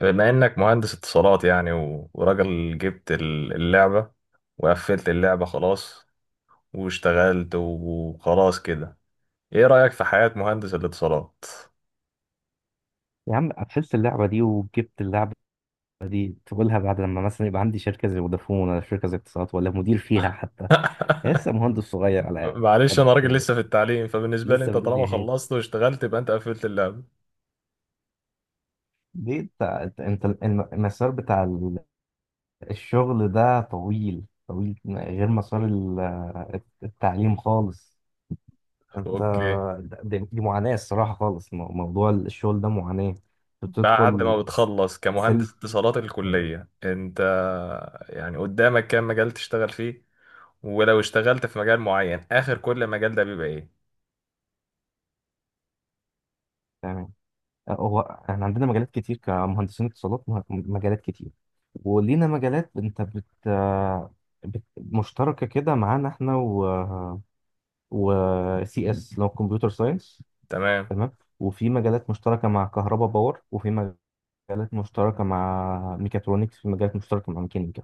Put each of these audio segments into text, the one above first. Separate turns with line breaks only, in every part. بما انك مهندس اتصالات يعني و- وراجل جبت اللعبة وقفلت اللعبة خلاص واشتغلت وخلاص كده. ايه رأيك في حياة مهندس الاتصالات؟
يا عم، قفلت اللعبة دي وجبت اللعبة دي تقولها بعد لما مثلا يبقى عندي شركة زي فودافون، ولا شركة زي اتصالات، ولا مدير فيها حتى. لسه مهندس صغير على
معلش انا
قد
راجل
كده.
لسه في التعليم، فبالنسبة لي
لسه
انت
بتقول
طالما
يا هادي؟
خلصت واشتغلت يبقى انت قفلت اللعبة.
ليه انت المسار بتاع الشغل ده طويل طويل، غير مسار التعليم خالص. انت،
اوكي.
دي معاناة الصراحة خالص. موضوع الشغل ده معاناة،
بعد
بتدخل
ما بتخلص
سلك.
كمهندس اتصالات الكلية، انت يعني قدامك كام مجال تشتغل فيه؟ ولو اشتغلت في مجال معين، اخر كل مجال ده بيبقى ايه؟
يعني هو احنا عندنا مجالات كتير كمهندسين اتصالات، مجالات كتير. ولينا مجالات مشتركه كده معانا، احنا و سي اس اللي هو كمبيوتر ساينس.
تمام.
تمام. وفي مجالات مشتركه مع كهرباء باور، وفي مجالات مشتركه مع ميكاترونكس، في مجالات مشتركه مع ميكانيكا.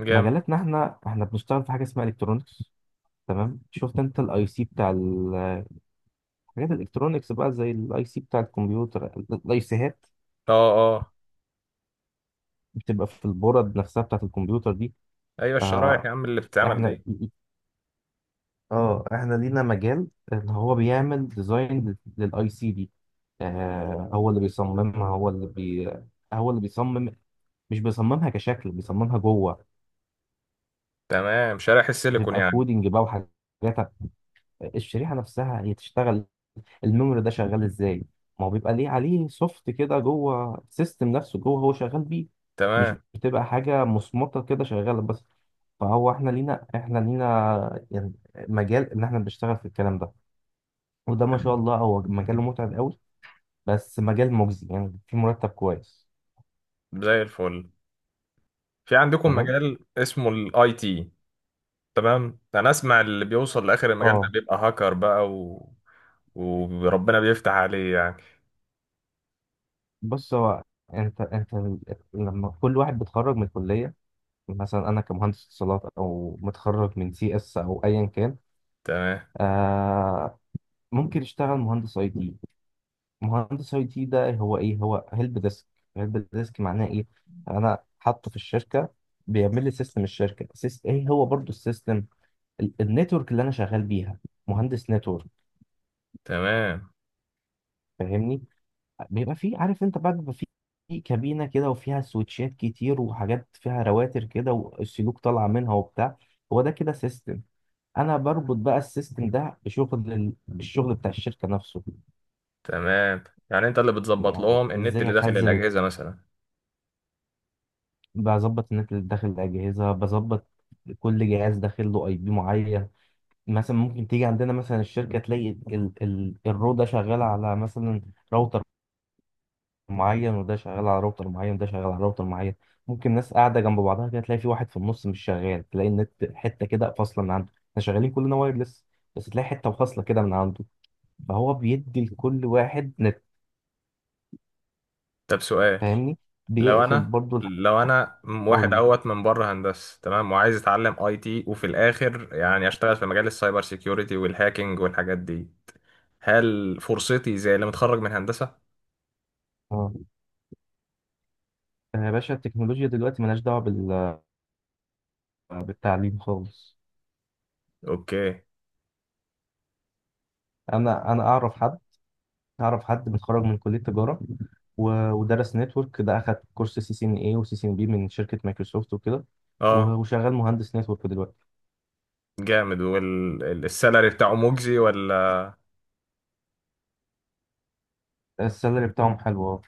جامد.
مجالاتنا، احنا بنشتغل في حاجه اسمها الكترونكس. تمام، شفت انت الاي سي بتاع حاجات الالكترونكس بقى، زي الاي سي بتاع الكمبيوتر، الاي سيهات
اه، اه.
بتبقى في البورد نفسها بتاعت الكمبيوتر دي.
ايوه الشرايح
فاحنا،
يا عم اللي بتتعمل دي.
اه احنا لينا مجال اللي هو بيعمل ديزاين للاي سي دي. هو اللي بيصممها، هو اللي بيصمم. مش بيصممها كشكل، بيصممها جوه.
تمام، شرايح السيليكون
بتبقى
يعني.
كودينج بقى وحاجات. الشريحه نفسها هي تشتغل، الميموري ده شغال ازاي. ما هو بيبقى ليه عليه سوفت كده جوه السيستم نفسه، جوه هو شغال بيه. مش
تمام.
بتبقى حاجه مصمطه كده شغاله بس. فهو احنا لينا، يعني، مجال ان احنا بنشتغل في الكلام ده. وده ما شاء الله هو مجال متعب قوي، بس مجال مجزي يعني، في مرتب كويس.
زي الفل. في عندكم
تمام.
مجال اسمه الاي تي؟ تمام. انا اسمع اللي بيوصل لاخر المجال ده
اه،
بيبقى هاكر بقى وربنا بيفتح عليه يعني.
بص هو، انت لما كل واحد بيتخرج من الكليه، مثلا انا كمهندس اتصالات، او متخرج من سي اس، او ايا كان.
تمام،
آه ممكن يشتغل مهندس اي تي. مهندس اي تي ده هو ايه؟ هو هيلب ديسك. هيلب ديسك معناه ايه؟ انا حاطه في الشركه، بيعمل لي سيستم الشركه، ايه هو برضو السيستم، النتورك اللي انا شغال بيها. مهندس نتورك.
تمام،
فاهمني؟ بيبقى فيه، عارف انت بقى، بيبقى فيه في كابينه كده، وفيها سويتشات كتير، وحاجات فيها رواتر كده، والسلوك طالعه منها وبتاع. هو ده كده سيستم. انا بربط بقى السيستم ده بشغل الشغل بتاع الشركه نفسه.
تمام. يعني انت اللي بتظبط
يعني
لهم النت
ازاي
اللي داخل
اخزن،
الاجهزه مثلا؟
بظبط النت اللي داخل الأجهزة، بظبط كل جهاز داخل له اي بي معين. مثلا ممكن تيجي عندنا مثلا الشركة، تلاقي ال الرو ده شغال على مثلا راوتر معين، وده شغال على راوتر معين، وده شغال على راوتر معين. ممكن ناس قاعدة جنب بعضها كده، تلاقي في واحد في النص مش شغال، تلاقي النت حتة كده فاصلة من عنده، احنا شغالين كلنا وايرلس. بس تلاقي حتة فاصلة كده من عنده. فهو بيدي لكل واحد نت.
طب سؤال،
فاهمني؟
لو
بيقفل
انا
برضه
لو انا
قول
واحد
لي.
اوت من بره هندسه، تمام، وعايز اتعلم اي تي، وفي الاخر يعني اشتغل في مجال السايبر سيكيورتي والهاكينج والحاجات دي، هل فرصتي زي اللي متخرج من هندسه؟
اه. يا باشا، التكنولوجيا دلوقتي ملهاش دعوة بالتعليم خالص.
اوكي.
انا اعرف حد، اعرف حد متخرج من كليه تجاره، و- ودرس نتورك ده، اخد كورس سي سي ان اي وسي سي ان بي من شركه مايكروسوفت وكده. و-
اه.
وشغال مهندس نتورك دلوقتي.
جامد. والسالري بتاعه مجزي ولا؟
السالري بتاعهم حلو.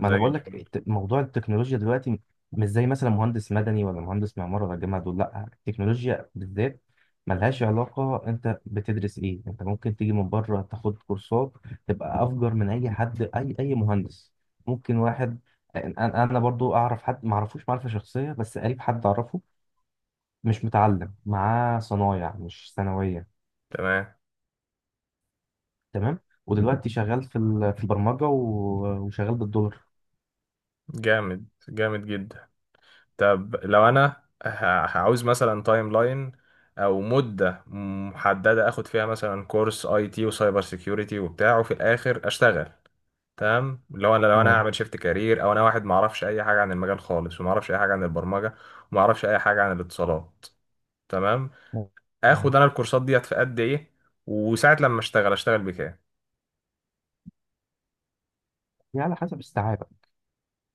ما
زي
انا بقول لك،
الفل.
موضوع التكنولوجيا دلوقتي مش زي مثلا مهندس مدني ولا مهندس معمار ولا جامعه دول، لا التكنولوجيا بالذات ملهاش علاقه انت بتدرس ايه. انت ممكن تيجي من بره تاخد كورسات، تبقى افجر من اي حد، اي مهندس. ممكن واحد، انا برضو اعرف حد، ما اعرفوش معرفه شخصيه بس قريب حد اعرفه، مش متعلم معاه صنايع مش ثانويه.
تمام.
تمام. ودلوقتي شغال في البرمجه، و- وشغال بالدولار.
جامد، جامد جدا. طب لو انا ه- هعوز مثلا تايم لاين او مده محدده اخد فيها مثلا كورس اي تي وسايبر سيكيورتي وبتاع، وفي الاخر اشتغل. تمام. لو انا
اه.
هعمل شيفت كارير، او انا واحد ما اعرفش اي حاجه عن المجال خالص وما اعرفش اي حاجه عن البرمجه وما اعرفش اي حاجه عن الاتصالات. تمام. اخد
اه،
انا الكورسات ديت في قد ايه؟ وساعه لما اشتغل اشتغل بكام؟
يعني على حسب استيعابك،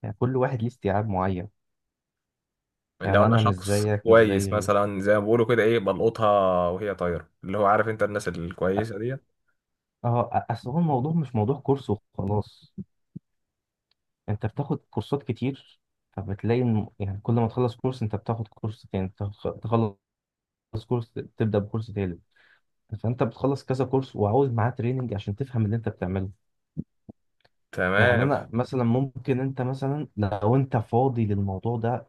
يعني كل واحد ليه استيعاب معين.
لو
يعني
انا
انا مش
شخص
زيك مش زي
كويس
غيرك.
مثلا زي ما بيقولوا كده، ايه، بلقطها وهي طايره، اللي هو عارف انت، الناس
أ-
الكويسه ديت.
اصل هو الموضوع مش موضوع كورس وخلاص. انت بتاخد كورسات كتير، فبتلاقي يعني كل ما تخلص كورس انت بتاخد كورس تاني، تخلص كورس تبدأ بكورس تالت. فانت بتخلص كذا كورس وعاوز معاه تريننج عشان تفهم اللي انت بتعمله. يعني
تمام.
انا مثلا، ممكن انت مثلا لو انت فاضي للموضوع ده،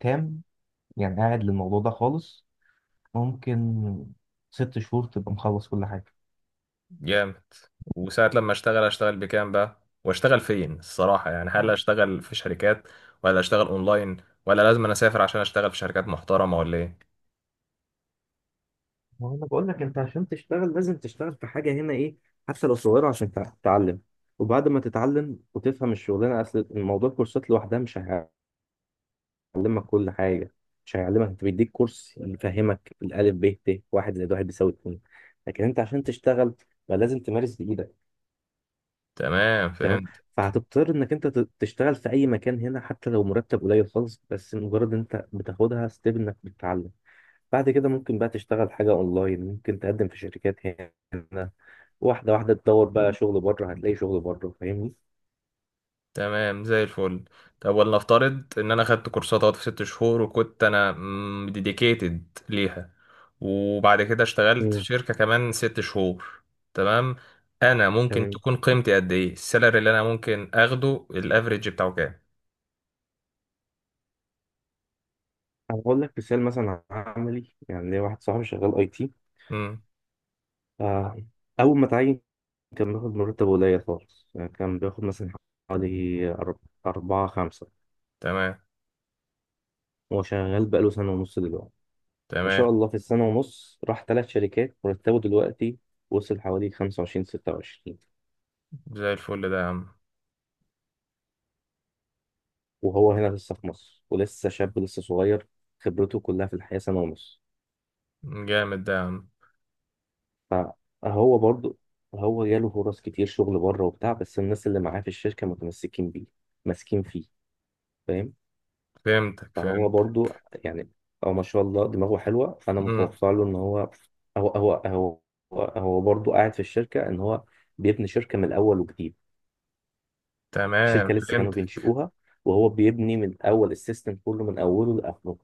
تام، يعني قاعد للموضوع ده خالص، ممكن 6 شهور تبقى مخلص كل حاجة.
جامد. وساعه لما اشتغل اشتغل بكام بقى؟ واشتغل فين الصراحه يعني؟ هل اشتغل في شركات ولا اشتغل اونلاين؟ ولا لازم انا اسافر عشان اشتغل في شركات محترمه ولا ايه؟
ما هو انا بقول لك، انت عشان تشتغل لازم تشتغل في حاجه هنا، ايه حتى لو صغيره، عشان تتعلم. وبعد ما تتعلم وتفهم الشغلانه، اصل الموضوع الكورسات لوحدها مش هيعلمك كل حاجه. مش هيعلمك، انت بيديك كورس يفهمك الالف ب ت، 1+1=2. لكن انت عشان تشتغل بقى، لازم تمارس بايدك.
تمام،
تمام.
فهمت.
فهتضطر انك انت تشتغل في اي مكان هنا، حتى لو مرتب قليل خالص، بس مجرد انت بتاخدها ستيب انك بتتعلم. بعد كده ممكن بقى تشتغل حاجه اونلاين، ممكن تقدم في شركات هنا. واحدة واحدة تدور بقى شغل بره، هتلاقي شغل بره. فاهمني؟
تمام، زي الفل. طب ولنفترض ان انا خدت كورسات اهوت في ست شهور وكنت انا ديديكيتد ليها، وبعد كده اشتغلت في
امم
شركة كمان ست شهور. تمام. انا ممكن
تمام.
تكون قيمتي قد ايه؟ السالري اللي انا ممكن اخده الافريج بتاعه كام؟
أنا هقول لك مثال مثلا عملي، يعني ليا واحد صاحبي شغال أي تي.
امم.
آه، أول ما اتعين كان بياخد مرتب قليل خالص، يعني كان بياخد مثلا حوالي أربعة خمسة.
تمام،
هو شغال بقاله سنة ونص دلوقتي. ما
تمام.
شاء الله في السنة ونص راح ثلاث شركات. مرتبه دلوقتي وصل حوالي 25، 26.
زي الفل ده يا عم.
وهو هنا لسه في مصر، ولسه شاب لسه صغير، خبرته كلها في الحياة سنة ونص.
جامد ده يا عم.
فهو برضو، هو جاله فرص كتير شغل بره وبتاع، بس الناس اللي معاه في الشركة متمسكين بيه، ماسكين فيه. فاهم؟
فهمتك،
فهو
فهمت.
برضو يعني، هو ما شاء الله دماغه حلوة، فأنا
امم.
متوقع له إن هو هو هو هو برضو قاعد في الشركة، إن هو بيبني شركة من الأول وجديد.
تمام،
الشركة لسه كانوا
فهمتك.
بينشئوها، وهو بيبني من الأول السيستم كله من أوله لآخره.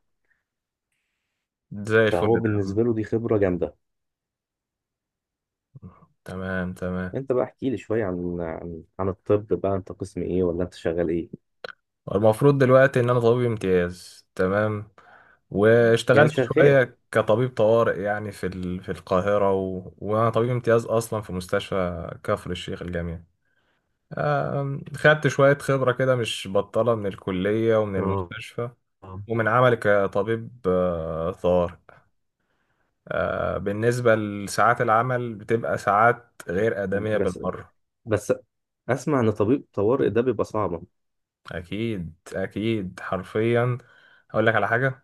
زي الفل
فهو
ده يا عم.
بالنسبة له دي خبرة جامدة.
تمام، تمام.
أنت بقى احكي لي شوية عن الطب بقى، أنت قسم إيه ولا أنت شغال إيه؟
المفروض دلوقتي ان انا طبيب امتياز، تمام،
يعني
واشتغلت
شغال.
شوية كطبيب طوارئ يعني في القاهرة، وانا طبيب امتياز اصلا في مستشفى كفر الشيخ الجامعي. خدت شوية خبرة كده مش بطالة من الكلية ومن
اه.
المستشفى
آه.
ومن عملي كطبيب طوارئ. بالنسبة لساعات العمل بتبقى ساعات غير آدمية
بس
بالمرة.
بس اسمع، ان طبيب طوارئ ده بيبقى صعب.
أكيد، أكيد، حرفيا. أقول لك على حاجة.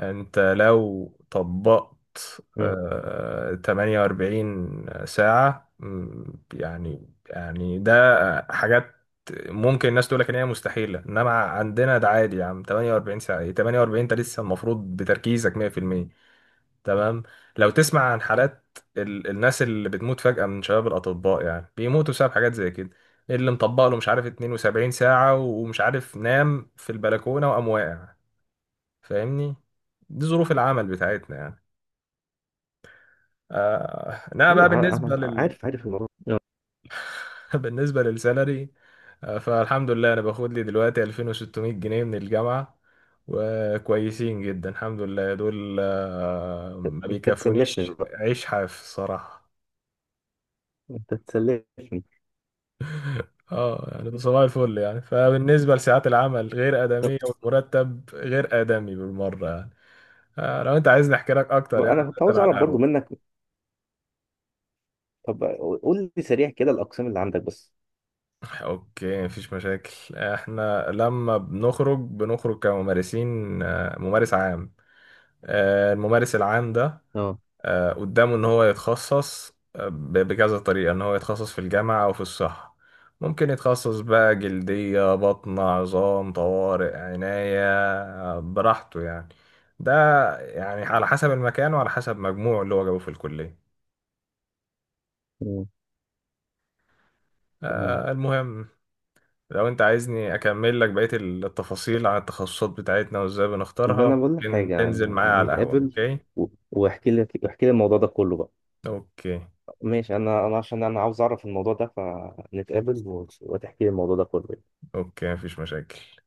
انت لو طبقت
مم.
48 ساعة، يعني ده حاجات ممكن الناس تقول لك ان هي مستحيلة، انما عندنا ده عادي يا عم. 48 ساعة، إيه 48؟ انت لسه المفروض بتركيزك 100%. تمام. لو تسمع عن حالات الناس اللي بتموت فجأة من شباب الأطباء، يعني بيموتوا بسبب حاجات زي كده، اللي مطبق له مش عارف 72 ساعة ومش عارف نام في البلكونة وقام واقع. فاهمني؟ دي ظروف العمل بتاعتنا يعني. آه انا بقى
ايوه. انا
بالنسبه لل
عارف الموضوع ده.
بالنسبه للسالري، فالحمد لله انا باخد لي دلوقتي 2600 جنيه من الجامعه وكويسين جدا الحمد لله دول. ما
انت تسلفني
بيكفونيش
بقى،
عيش حاف الصراحه.
انت تسلفني.
اه، يعني ده صباح الفل يعني. فبالنسبه لساعات العمل غير
طب
ادميه، والمرتب غير ادمي بالمره يعني. لو انت عايزني احكي لك اكتر
انا
يعني،
كنت
نتكلم
عاوز
على
اعرف برضو
القهوه.
منك. طب قول لي سريع كده الاقسام اللي عندك بس.
اوكي، مفيش مشاكل. احنا لما بنخرج بنخرج كممارسين، ممارس عام. الممارس العام ده
اه.
قدامه ان هو يتخصص بكذا طريقة، ان هو يتخصص في الجامعة او في الصحة. ممكن يتخصص بقى جلدية، بطن، عظام، طوارئ، عناية، براحته يعني. ده يعني على حسب المكان وعلى حسب مجموعه اللي هو جابه في الكلية.
مم. تمام.
المهم، لو انت عايزني اكمل لك بقية التفاصيل عن التخصصات بتاعتنا وازاي
طب
بنختارها،
انا بقول لك
ممكن
حاجه،
تنزل معايا
انا
على القهوة.
نتقابل،
اوكي.
و- واحكي لك، احكي لي الموضوع ده كله بقى.
اوكي
ماشي. انا عشان انا عاوز اعرف الموضوع ده، فنتقابل، و- وتحكي لي الموضوع ده كله.
اوكي، مفيش مشاكل.